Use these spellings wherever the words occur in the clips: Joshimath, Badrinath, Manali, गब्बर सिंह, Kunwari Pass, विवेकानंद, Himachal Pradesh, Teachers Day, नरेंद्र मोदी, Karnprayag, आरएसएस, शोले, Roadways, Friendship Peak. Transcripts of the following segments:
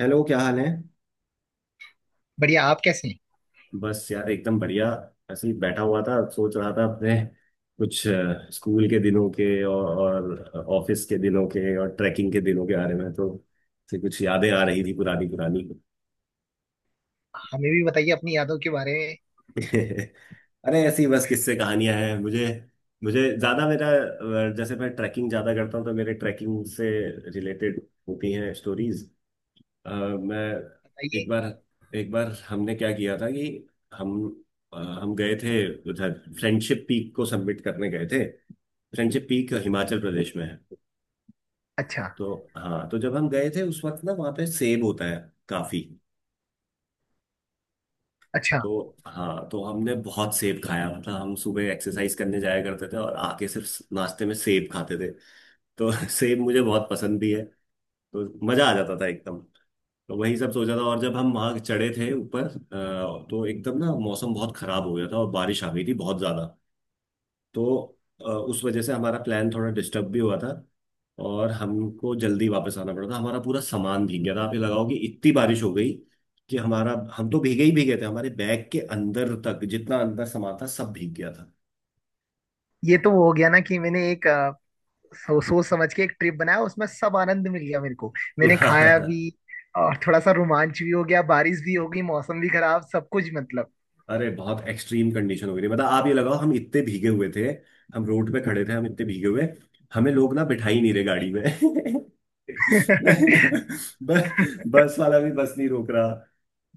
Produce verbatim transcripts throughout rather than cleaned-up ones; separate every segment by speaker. Speaker 1: Hello, क्या हाल है।
Speaker 2: बढ़िया। आप कैसे हैं।
Speaker 1: बस यार एकदम बढ़िया। ऐसे ही बैठा हुआ था, सोच रहा था अपने कुछ अ, स्कूल के दिनों के और, और ऑफिस के दिनों के और ट्रैकिंग के दिनों के बारे में, तो से कुछ यादें आ रही थी पुरानी पुरानी।
Speaker 2: हमें भी बताइए अपनी यादों के बारे में।
Speaker 1: अरे ऐसी बस किस्से कहानियां हैं मुझे मुझे ज्यादा मेरा अ, जैसे मैं ट्रैकिंग ज्यादा करता हूँ, तो मेरे ट्रैकिंग से रिलेटेड होती हैं स्टोरीज। अ, मैं एक
Speaker 2: बताइए।
Speaker 1: बार, एक बार हमने क्या किया था कि हम अ, हम गए थे उधर। फ्रेंडशिप पीक को सबमिट करने गए थे। फ्रेंडशिप पीक हिमाचल प्रदेश में है।
Speaker 2: अच्छा।
Speaker 1: तो हाँ, तो जब हम गए थे उस वक्त ना वहाँ पे सेब होता है काफी।
Speaker 2: अच्छा,
Speaker 1: तो हाँ, तो हमने बहुत सेब खाया, मतलब हम सुबह एक्सरसाइज करने जाया करते थे और आके सिर्फ नाश्ते में सेब खाते थे। तो सेब मुझे बहुत पसंद भी है, तो मजा आ जाता था एकदम। तो वही सब सोचा था। और जब हम वहां चढ़े थे ऊपर अ, तो एकदम ना मौसम बहुत खराब हो गया था और बारिश आ गई थी बहुत ज्यादा। तो अ, उस वजह से हमारा प्लान थोड़ा डिस्टर्ब भी हुआ था और हमको जल्दी वापस आना पड़ा था। हमारा पूरा सामान भीग गया था। आप ये लगाओ कि इतनी बारिश हो गई कि हमारा हम तो भीगे ही भीगे थे, हमारे बैग के अंदर तक जितना अंदर सामान था सब भीग गया था।
Speaker 2: ये तो हो गया ना कि मैंने एक अ, सो, सोच समझ के एक ट्रिप बनाया, उसमें सब आनंद मिल गया मेरे को। मैंने खाया भी और थोड़ा सा रोमांच भी हो गया, बारिश भी हो गई, मौसम भी खराब, सब कुछ मतलब।
Speaker 1: अरे बहुत एक्सट्रीम कंडीशन हो गई थी। मतलब आप ये लगाओ हम इतने भीगे हुए थे, हम रोड पे खड़े थे, हम इतने भीगे हुए हमें लोग ना बिठा ही नहीं रहे गाड़ी में। बस बस वाला भी बस नहीं रोक रहा।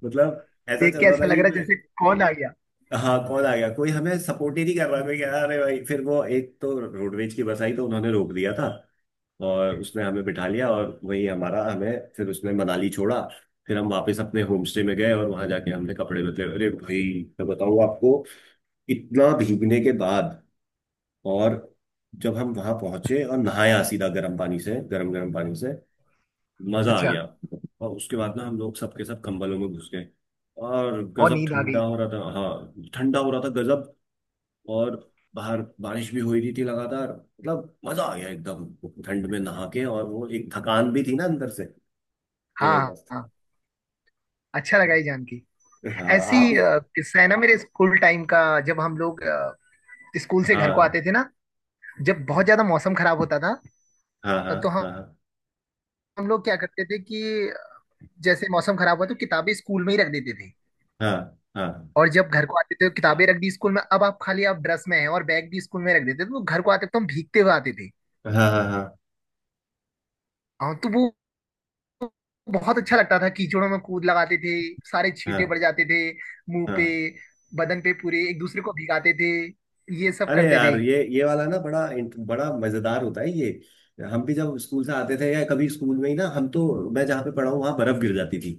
Speaker 1: मतलब ऐसा
Speaker 2: देख
Speaker 1: चल
Speaker 2: के
Speaker 1: रहा
Speaker 2: ऐसा
Speaker 1: था
Speaker 2: लग
Speaker 1: कि
Speaker 2: रहा है
Speaker 1: मैं-
Speaker 2: जैसे कौन आ गया।
Speaker 1: हाँ कौन आ गया, कोई हमें सपोर्ट ही नहीं कर रहा। कोई कह रहा अरे भाई, फिर वो एक तो रोडवेज की बस आई तो उन्होंने रोक दिया था और उसने हमें बिठा लिया। और वही हमारा हमें फिर उसने मनाली छोड़ा। फिर हम वापस अपने होम स्टे में गए और वहां जाके हमने कपड़े बदले। अरे भाई, मैं बताऊँ आपको, इतना भीगने के बाद और जब हम वहां पहुंचे और नहाया सीधा गर्म पानी से, गर्म गर्म पानी से, मजा आ
Speaker 2: अच्छा।
Speaker 1: गया। और उसके बाद ना हम लोग सबके सब कंबलों में घुस गए। और
Speaker 2: और
Speaker 1: गजब
Speaker 2: नींद आ
Speaker 1: ठंडा
Speaker 2: गई।
Speaker 1: हो रहा था, हाँ ठंडा हो रहा था गजब। और बाहर बारिश भी हो रही थी लगातार, मतलब मजा आ गया एकदम। ठंड में नहा के और वो एक थकान भी थी ना अंदर से
Speaker 2: हाँ हाँ
Speaker 1: जबरदस्त।
Speaker 2: हाँ, अच्छा लगा ये जान के।
Speaker 1: हाँ
Speaker 2: ऐसी
Speaker 1: आप।
Speaker 2: अ, किस्सा है ना मेरे स्कूल टाइम का। जब हम लोग अ, स्कूल से घर को
Speaker 1: हाँ
Speaker 2: आते थे ना, जब बहुत ज्यादा मौसम खराब होता था
Speaker 1: हाँ हाँ।
Speaker 2: तो
Speaker 1: हाँ
Speaker 2: हम लोग क्या करते थे कि जैसे मौसम खराब हुआ तो किताबें स्कूल में ही रख देते थे।
Speaker 1: हाँ हाँ।
Speaker 2: और जब घर को आते थे तो किताबें रख दी स्कूल में, अब आप खाली, आप ड्रेस में हैं, और बैग भी स्कूल में रख देते थे तो घर को आते तो हम भीगते हुए आते थे।
Speaker 1: हाँ हाँ हाँ। हाँ
Speaker 2: हाँ, तो वो बहुत अच्छा लगता था। कीचड़ों में कूद लगाते थे, सारे छींटे पड़
Speaker 1: हाँ
Speaker 2: जाते थे मुंह पे,
Speaker 1: हाँ।
Speaker 2: बदन पे पूरे, एक दूसरे को भिगाते थे, ये सब
Speaker 1: अरे
Speaker 2: करते थे।
Speaker 1: यार, ये ये वाला ना बड़ा इंट- बड़ा मजेदार होता है ये। हम भी जब स्कूल से आते थे या कभी स्कूल में ही ना, हम तो मैं जहाँ पे पढ़ा हूँ वहां बर्फ गिर जाती थी।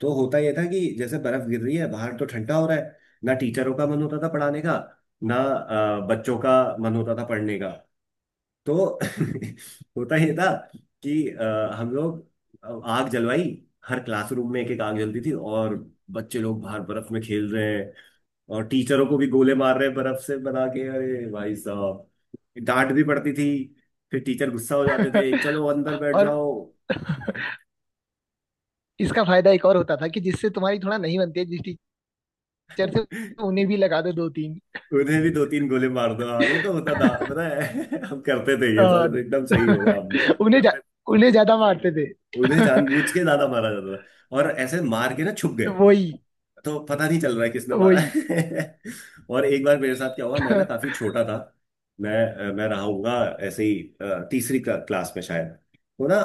Speaker 1: तो होता ये था कि जैसे बर्फ गिर रही है बाहर तो ठंडा हो रहा है, ना टीचरों का मन होता था पढ़ाने का, ना अ, बच्चों का मन होता था पढ़ने का। तो होता ये था कि अ, हम लोग अ, आग जलवाई। हर क्लासरूम में एक एक आग जलती थी और बच्चे लोग बाहर बर्फ में खेल रहे हैं और टीचरों को भी गोले मार रहे हैं बर्फ से बना के। अरे भाई साहब, डांट भी पड़ती थी, फिर टीचर गुस्सा हो जाते थे, चलो अंदर बैठ
Speaker 2: और
Speaker 1: जाओ।
Speaker 2: इसका फायदा एक और होता था कि जिससे तुम्हारी थोड़ा नहीं बनती है, जिस टीचर से, उन्हें भी लगा दो दो तीन।
Speaker 1: उन्हें भी दो तीन गोले मार दो। हाँ ये तो होता था, पता है। हम करते थे ये
Speaker 2: आ,
Speaker 1: सब, एकदम सही बोला आपने।
Speaker 2: उन्हें जा, उन्हें ज्यादा मारते थे।
Speaker 1: उन्हें जानबूझ के ज्यादा मारा जाता था और ऐसे मार के ना छुप गए
Speaker 2: वही।
Speaker 1: तो पता नहीं चल रहा है किसने मारा
Speaker 2: वही।
Speaker 1: है। और एक बार मेरे साथ क्या हुआ, मैं ना काफी छोटा था। मैं अ, मैं रहा हूँगा ऐसे ही अ, तीसरी क्ला, क्लास में शायद। तो ना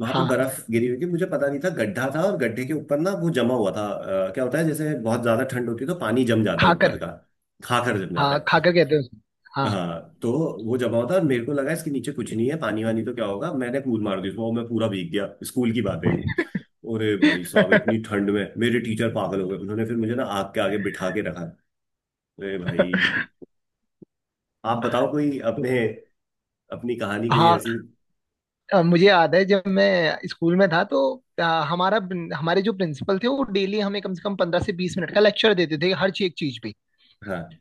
Speaker 1: वहां पे
Speaker 2: हाँ
Speaker 1: बर्फ गिरी हुई थी, मुझे पता नहीं था गड्ढा था और गड्ढे के ऊपर ना वो जमा हुआ था। अ, क्या होता है जैसे बहुत ज्यादा ठंड होती है तो पानी जम जाता है ऊपर
Speaker 2: खाकर।
Speaker 1: का। खाकर जम जाता
Speaker 2: हाँ
Speaker 1: है।
Speaker 2: खाकर कहते हैं उसको। हाँ।
Speaker 1: हाँ तो वो जमा होता है और मेरे को लगा इसके नीचे कुछ नहीं है, पानी वानी तो क्या होगा, मैंने कूद मार दी उसमें और मैं पूरा भीग गया। स्कूल की बात है। अरे भाई साहब, इतनी ठंड में मेरे टीचर पागल हो गए, उन्होंने फिर मुझे ना आग के आगे बिठा के रखा। अरे भाई, आप बताओ कोई
Speaker 2: तो,
Speaker 1: अपने, अपनी कहानी कोई
Speaker 2: हाँ,
Speaker 1: ऐसी।
Speaker 2: अ, मुझे याद है जब मैं स्कूल में था तो, अ, हमारा हमारे जो प्रिंसिपल थे वो डेली हमें कम से कम पंद्रह से बीस मिनट का लेक्चर देते थे हर चीज, एक चीज पे,
Speaker 1: हाँ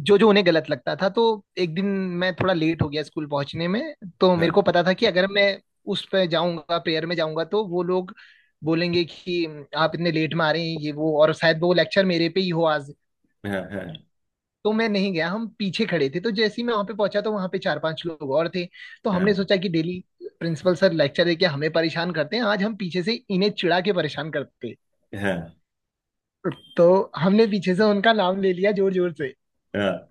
Speaker 2: जो जो उन्हें गलत लगता था। तो एक दिन मैं थोड़ा लेट हो गया स्कूल पहुंचने में। तो मेरे को
Speaker 1: हाँ
Speaker 2: पता था कि अगर मैं उस पे जाऊंगा, प्रेयर में जाऊंगा, तो वो लोग बोलेंगे कि आप इतने लेट में आ रहे हैं ये वो, और शायद वो लेक्चर मेरे पे ही हो आज।
Speaker 1: हाँ हाँ।
Speaker 2: तो मैं नहीं गया, हम पीछे खड़े थे। तो जैसे ही मैं वहां पे पहुंचा तो वहां पे चार पांच लोग और थे। तो हमने
Speaker 1: हाँ
Speaker 2: सोचा कि डेली प्रिंसिपल सर लेक्चर देके हमें परेशान करते हैं, आज हम पीछे से इन्हें चिढ़ा के परेशान करते हैं।
Speaker 1: हाँ
Speaker 2: तो हमने पीछे से उनका नाम ले लिया जोर जोर से।
Speaker 1: हाँ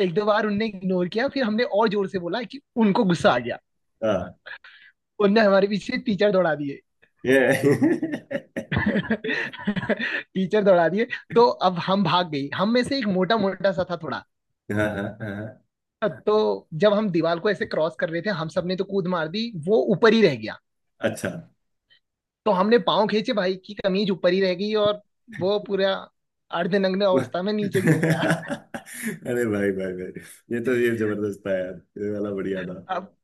Speaker 2: एक दो बार उनने इग्नोर किया, फिर हमने और जोर से बोला कि उनको गुस्सा आ गया।
Speaker 1: हाँ।
Speaker 2: उनने हमारे पीछे टीचर दौड़ा दिए।
Speaker 1: ये
Speaker 2: टीचर दौड़ा दिए। तो अब हम भाग गए। हम में से एक मोटा मोटा सा था थोड़ा,
Speaker 1: हाँ हाँ हाँ।
Speaker 2: तो जब हम दीवार को ऐसे क्रॉस कर रहे थे, हम सबने तो कूद मार दी, वो ऊपर ही रह गया।
Speaker 1: अच्छा।
Speaker 2: तो हमने पाँव खींचे, भाई की कमीज ऊपर ही रह गई और वो पूरा अर्धनग्न अवस्था में नीचे गिर गया।
Speaker 1: अरे भाई भाई भाई, ये तो ये जबरदस्त था यार। ये वाला बढ़िया था।
Speaker 2: अब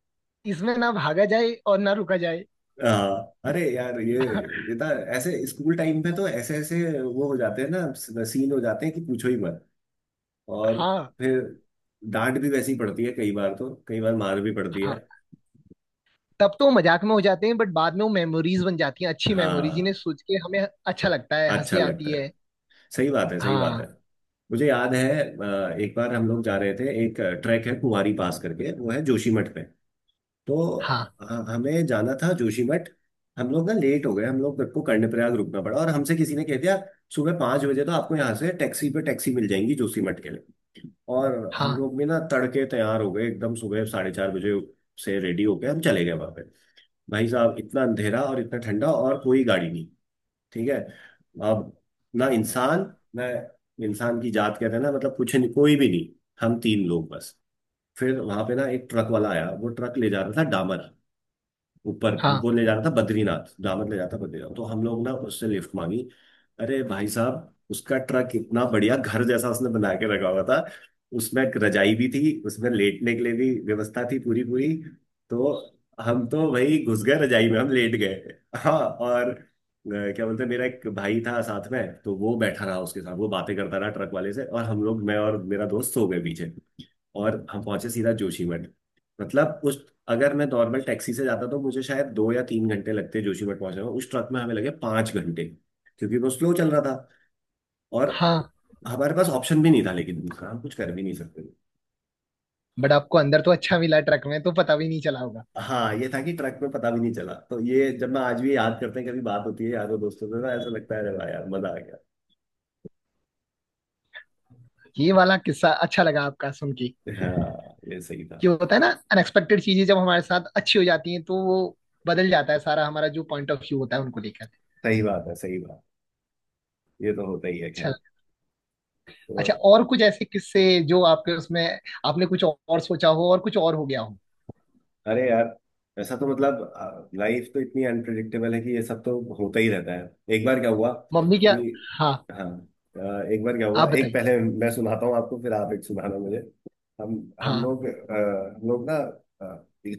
Speaker 2: इसमें ना भागा जाए और ना रुका जाए।
Speaker 1: हाँ। अरे यार, ये ये था। ऐसे स्कूल टाइम पे तो ऐसे ऐसे वो हो जाते हैं ना, सीन हो जाते हैं कि पूछो ही मत। और
Speaker 2: हाँ।
Speaker 1: फिर डांट भी वैसी पड़ती है कई बार, तो कई बार मार भी पड़ती है।
Speaker 2: हाँ, तब तो वो मजाक में हो जाते हैं, बट बाद में वो मेमोरीज बन जाती हैं, अच्छी मेमोरीज, जिन्हें
Speaker 1: हाँ।
Speaker 2: सोच के हमें अच्छा लगता है,
Speaker 1: अच्छा
Speaker 2: हंसी
Speaker 1: लगता
Speaker 2: आती
Speaker 1: है।
Speaker 2: है।
Speaker 1: सही बात है, सही बात है।
Speaker 2: हाँ।
Speaker 1: मुझे याद है अ, एक बार हम लोग जा रहे थे, एक ट्रैक है कुंवारी पास करके, वो है जोशीमठ पे। तो
Speaker 2: हाँ
Speaker 1: ह- हमें जाना था जोशीमठ। हम लोग ना लेट हो गए, हम लोग को कर्णप्रयाग रुकना पड़ा और हमसे किसी ने कह दिया सुबह पाँच बजे तो आपको यहाँ से टैक्सी पे टैक्सी मिल जाएंगी जोशीमठ के लिए। और हम
Speaker 2: हाँ
Speaker 1: लोग भी ना तड़के तैयार हो गए एकदम सुबह साढ़े चार बजे से रेडी होके हम चले गए वहां। भाई साहब, इतना अंधेरा और इतना ठंडा और कोई गाड़ी नहीं। ठीक है। अब ना इंसान, ना इंसान की जात कहते हैं ना, मतलब कुछ नहीं, कोई भी नहीं। हम तीन लोग बस। फिर वहां पे ना एक ट्रक वाला आया, वो ट्रक ले जा रहा था डामर ऊपर।
Speaker 2: हाँ
Speaker 1: वो ले जाना था बद्रीनाथ, दामन ले जाता बद्रीनाथ, तो हम लोग ना उससे लिफ्ट मांगी। अरे भाई साहब, उसका ट्रक इतना बढ़िया घर जैसा उसने बना के रखा हुआ था। उसमें एक रजाई भी थी, उसमें लेटने के लिए भी व्यवस्था थी पूरी पूरी। तो हम तो भाई घुस गए रजाई में, हम लेट गए। हाँ और अ, क्या बोलते हैं, मेरा एक भाई था साथ में, तो वो बैठा रहा उसके साथ, वो बातें करता रहा ट्रक वाले से और हम लोग, मैं और मेरा दोस्त सो गए पीछे। और हम पहुंचे सीधा जोशीमठ। मतलब उस, अगर मैं नॉर्मल टैक्सी से जाता तो मुझे शायद दो या तीन घंटे लगते जोशीमठ पहुंचने में, उस ट्रक में हमें लगे पांच घंटे, क्योंकि वो स्लो चल रहा था। और
Speaker 2: हाँ।
Speaker 1: हमारे पास ऑप्शन भी नहीं था, लेकिन दूसरा हम कुछ कर भी नहीं सकते।
Speaker 2: बट आपको अंदर तो अच्छा मिला ट्रक में, तो पता भी नहीं चला होगा।
Speaker 1: हाँ ये था कि ट्रक में पता भी नहीं चला, तो ये जब मैं आज भी याद करते हैं, कभी बात होती है यारों दोस्तों से ना, ऐसा लगता है अरे वाह यार मजा आ गया।
Speaker 2: ये वाला किस्सा अच्छा लगा आपका सुन के।
Speaker 1: हाँ ये सही था।
Speaker 2: क्यों, होता है ना, अनएक्सपेक्टेड चीजें जब हमारे साथ अच्छी हो जाती हैं तो वो बदल जाता है सारा, हमारा जो पॉइंट ऑफ व्यू होता है उनको लेकर।
Speaker 1: सही बात है, सही बात। ये तो होता ही है, खैर।
Speaker 2: अच्छा।
Speaker 1: तो
Speaker 2: अच्छा, और कुछ ऐसे किस्से जो आपके उसमें, आपने कुछ और सोचा हो और कुछ और हो गया हो।
Speaker 1: अरे यार, ऐसा तो मतलब लाइफ तो इतनी अनप्रिडिक्टेबल है कि ये सब तो होता ही रहता है। एक बार क्या हुआ
Speaker 2: मम्मी क्या।
Speaker 1: कि
Speaker 2: हाँ,
Speaker 1: हाँ अ, एक बार क्या हुआ,
Speaker 2: आप
Speaker 1: एक
Speaker 2: बताइए।
Speaker 1: पहले मैं सुनाता हूँ आपको, फिर आप एक सुनाना मुझे। हम हम
Speaker 2: हाँ।
Speaker 1: लोग अ, हम लोग ना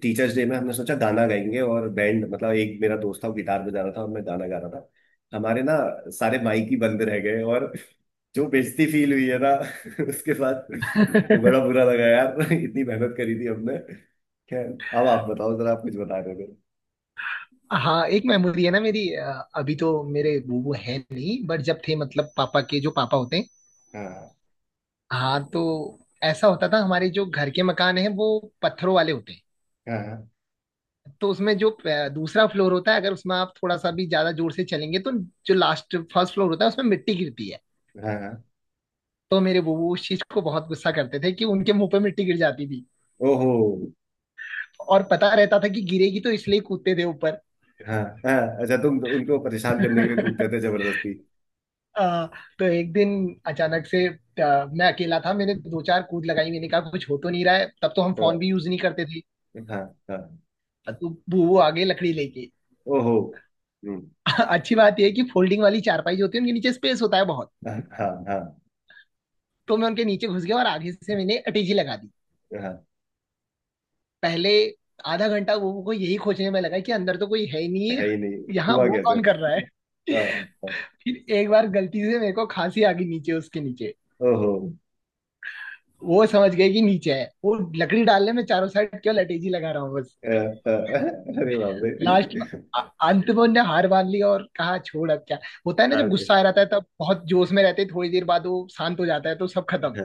Speaker 1: टीचर्स डे में हमने सोचा गाना गाएंगे और बैंड, मतलब एक मेरा दोस्त था वो गिटार बजा रहा था और मैं गाना गा रहा था। हमारे ना सारे माइक ही बंद रह गए और जो बेइज्जती फील हुई है ना। उसके बाद तो बड़ा बुरा लगा यार। इतनी मेहनत करी थी हमने। खैर, अब आप बताओ जरा, आप कुछ बता रहे थे।
Speaker 2: हाँ, एक मेमोरी है ना मेरी। अ, अभी तो मेरे बूबू है नहीं, बट जब थे, मतलब पापा के जो पापा होते हैं।
Speaker 1: हाँ
Speaker 2: हाँ, तो ऐसा होता था, हमारे जो घर के मकान है वो पत्थरों वाले होते हैं।
Speaker 1: हाँ
Speaker 2: तो उसमें जो अ, दूसरा फ्लोर होता है, अगर उसमें आप थोड़ा सा भी ज्यादा जोर से चलेंगे तो जो लास्ट फर्स्ट फ्लोर होता है उसमें मिट्टी गिरती है।
Speaker 1: हाँ हाँ।
Speaker 2: तो मेरे बूबू उस चीज को बहुत गुस्सा करते थे कि उनके मुंह पे मिट्टी गिर जाती थी।
Speaker 1: ओहो।
Speaker 2: और पता रहता था कि गिरेगी, तो इसलिए कूदते थे ऊपर।
Speaker 1: हाँ हाँ। अच्छा, तुम तो उनको परेशान करने के लिए कूदते थे जबरदस्ती।
Speaker 2: अ, तो एक दिन अचानक से, अ, मैं अकेला था, मैंने दो चार कूद लगाई, मैंने कहा कुछ हो तो नहीं रहा है। तब तो हम
Speaker 1: हाँ
Speaker 2: फोन भी यूज नहीं करते थे।
Speaker 1: हाँ हाँ।
Speaker 2: तो वो वो आ गए लकड़ी लेके।
Speaker 1: ओहो। हम्म।
Speaker 2: अच्छी बात यह है कि फोल्डिंग वाली चारपाई जो होती है उनके नीचे स्पेस होता है बहुत।
Speaker 1: हाँ हाँ हाँ
Speaker 2: तो मैं उनके नीचे घुस गया और आगे से मैंने अटैची लगा दी।
Speaker 1: हाँ,
Speaker 2: पहले आधा घंटा वो को यही खोजने में लगा कि अंदर तो कोई है ही नहीं है,
Speaker 1: है ही नहीं।
Speaker 2: यहाँ
Speaker 1: हुआ
Speaker 2: वो
Speaker 1: कैसे।
Speaker 2: कौन कर रहा है।
Speaker 1: हाँ हाँ,
Speaker 2: फिर एक बार गलती से मेरे को खांसी आ गई नीचे, उसके नीचे।
Speaker 1: ओहो।
Speaker 2: वो समझ गए कि नीचे है वो। लकड़ी डालने में, चारों साइड केवल अटैची लगा रहा हूँ।
Speaker 1: अ, अ, अरे बाप रे।
Speaker 2: लास्ट में, अ- अंत में उनने हार मान ली और कहा छोड़, अब क्या। होता है ना, जब
Speaker 1: हाँ
Speaker 2: गुस्सा आ जाता है तब बहुत जोश में रहते हैं, थोड़ी देर बाद वो शांत हो जाता है तो सब खत्म।
Speaker 1: हाँ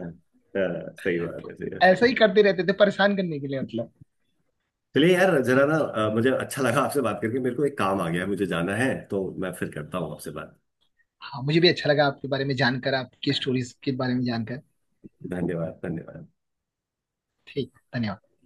Speaker 1: हाँ, सही बात है सही बात है।
Speaker 2: ऐसा ही करते रहते थे परेशान करने के लिए मतलब।
Speaker 1: चलिए यार, जरा ना अ, मुझे अच्छा लगा आपसे बात करके, मेरे को एक काम आ गया है, मुझे जाना है, तो मैं फिर करता हूँ आपसे बात।
Speaker 2: हाँ, मुझे भी अच्छा लगा आपके बारे में जानकर, आपकी स्टोरीज के बारे में जानकर।
Speaker 1: धन्यवाद धन्यवाद।
Speaker 2: ठीक, धन्यवाद।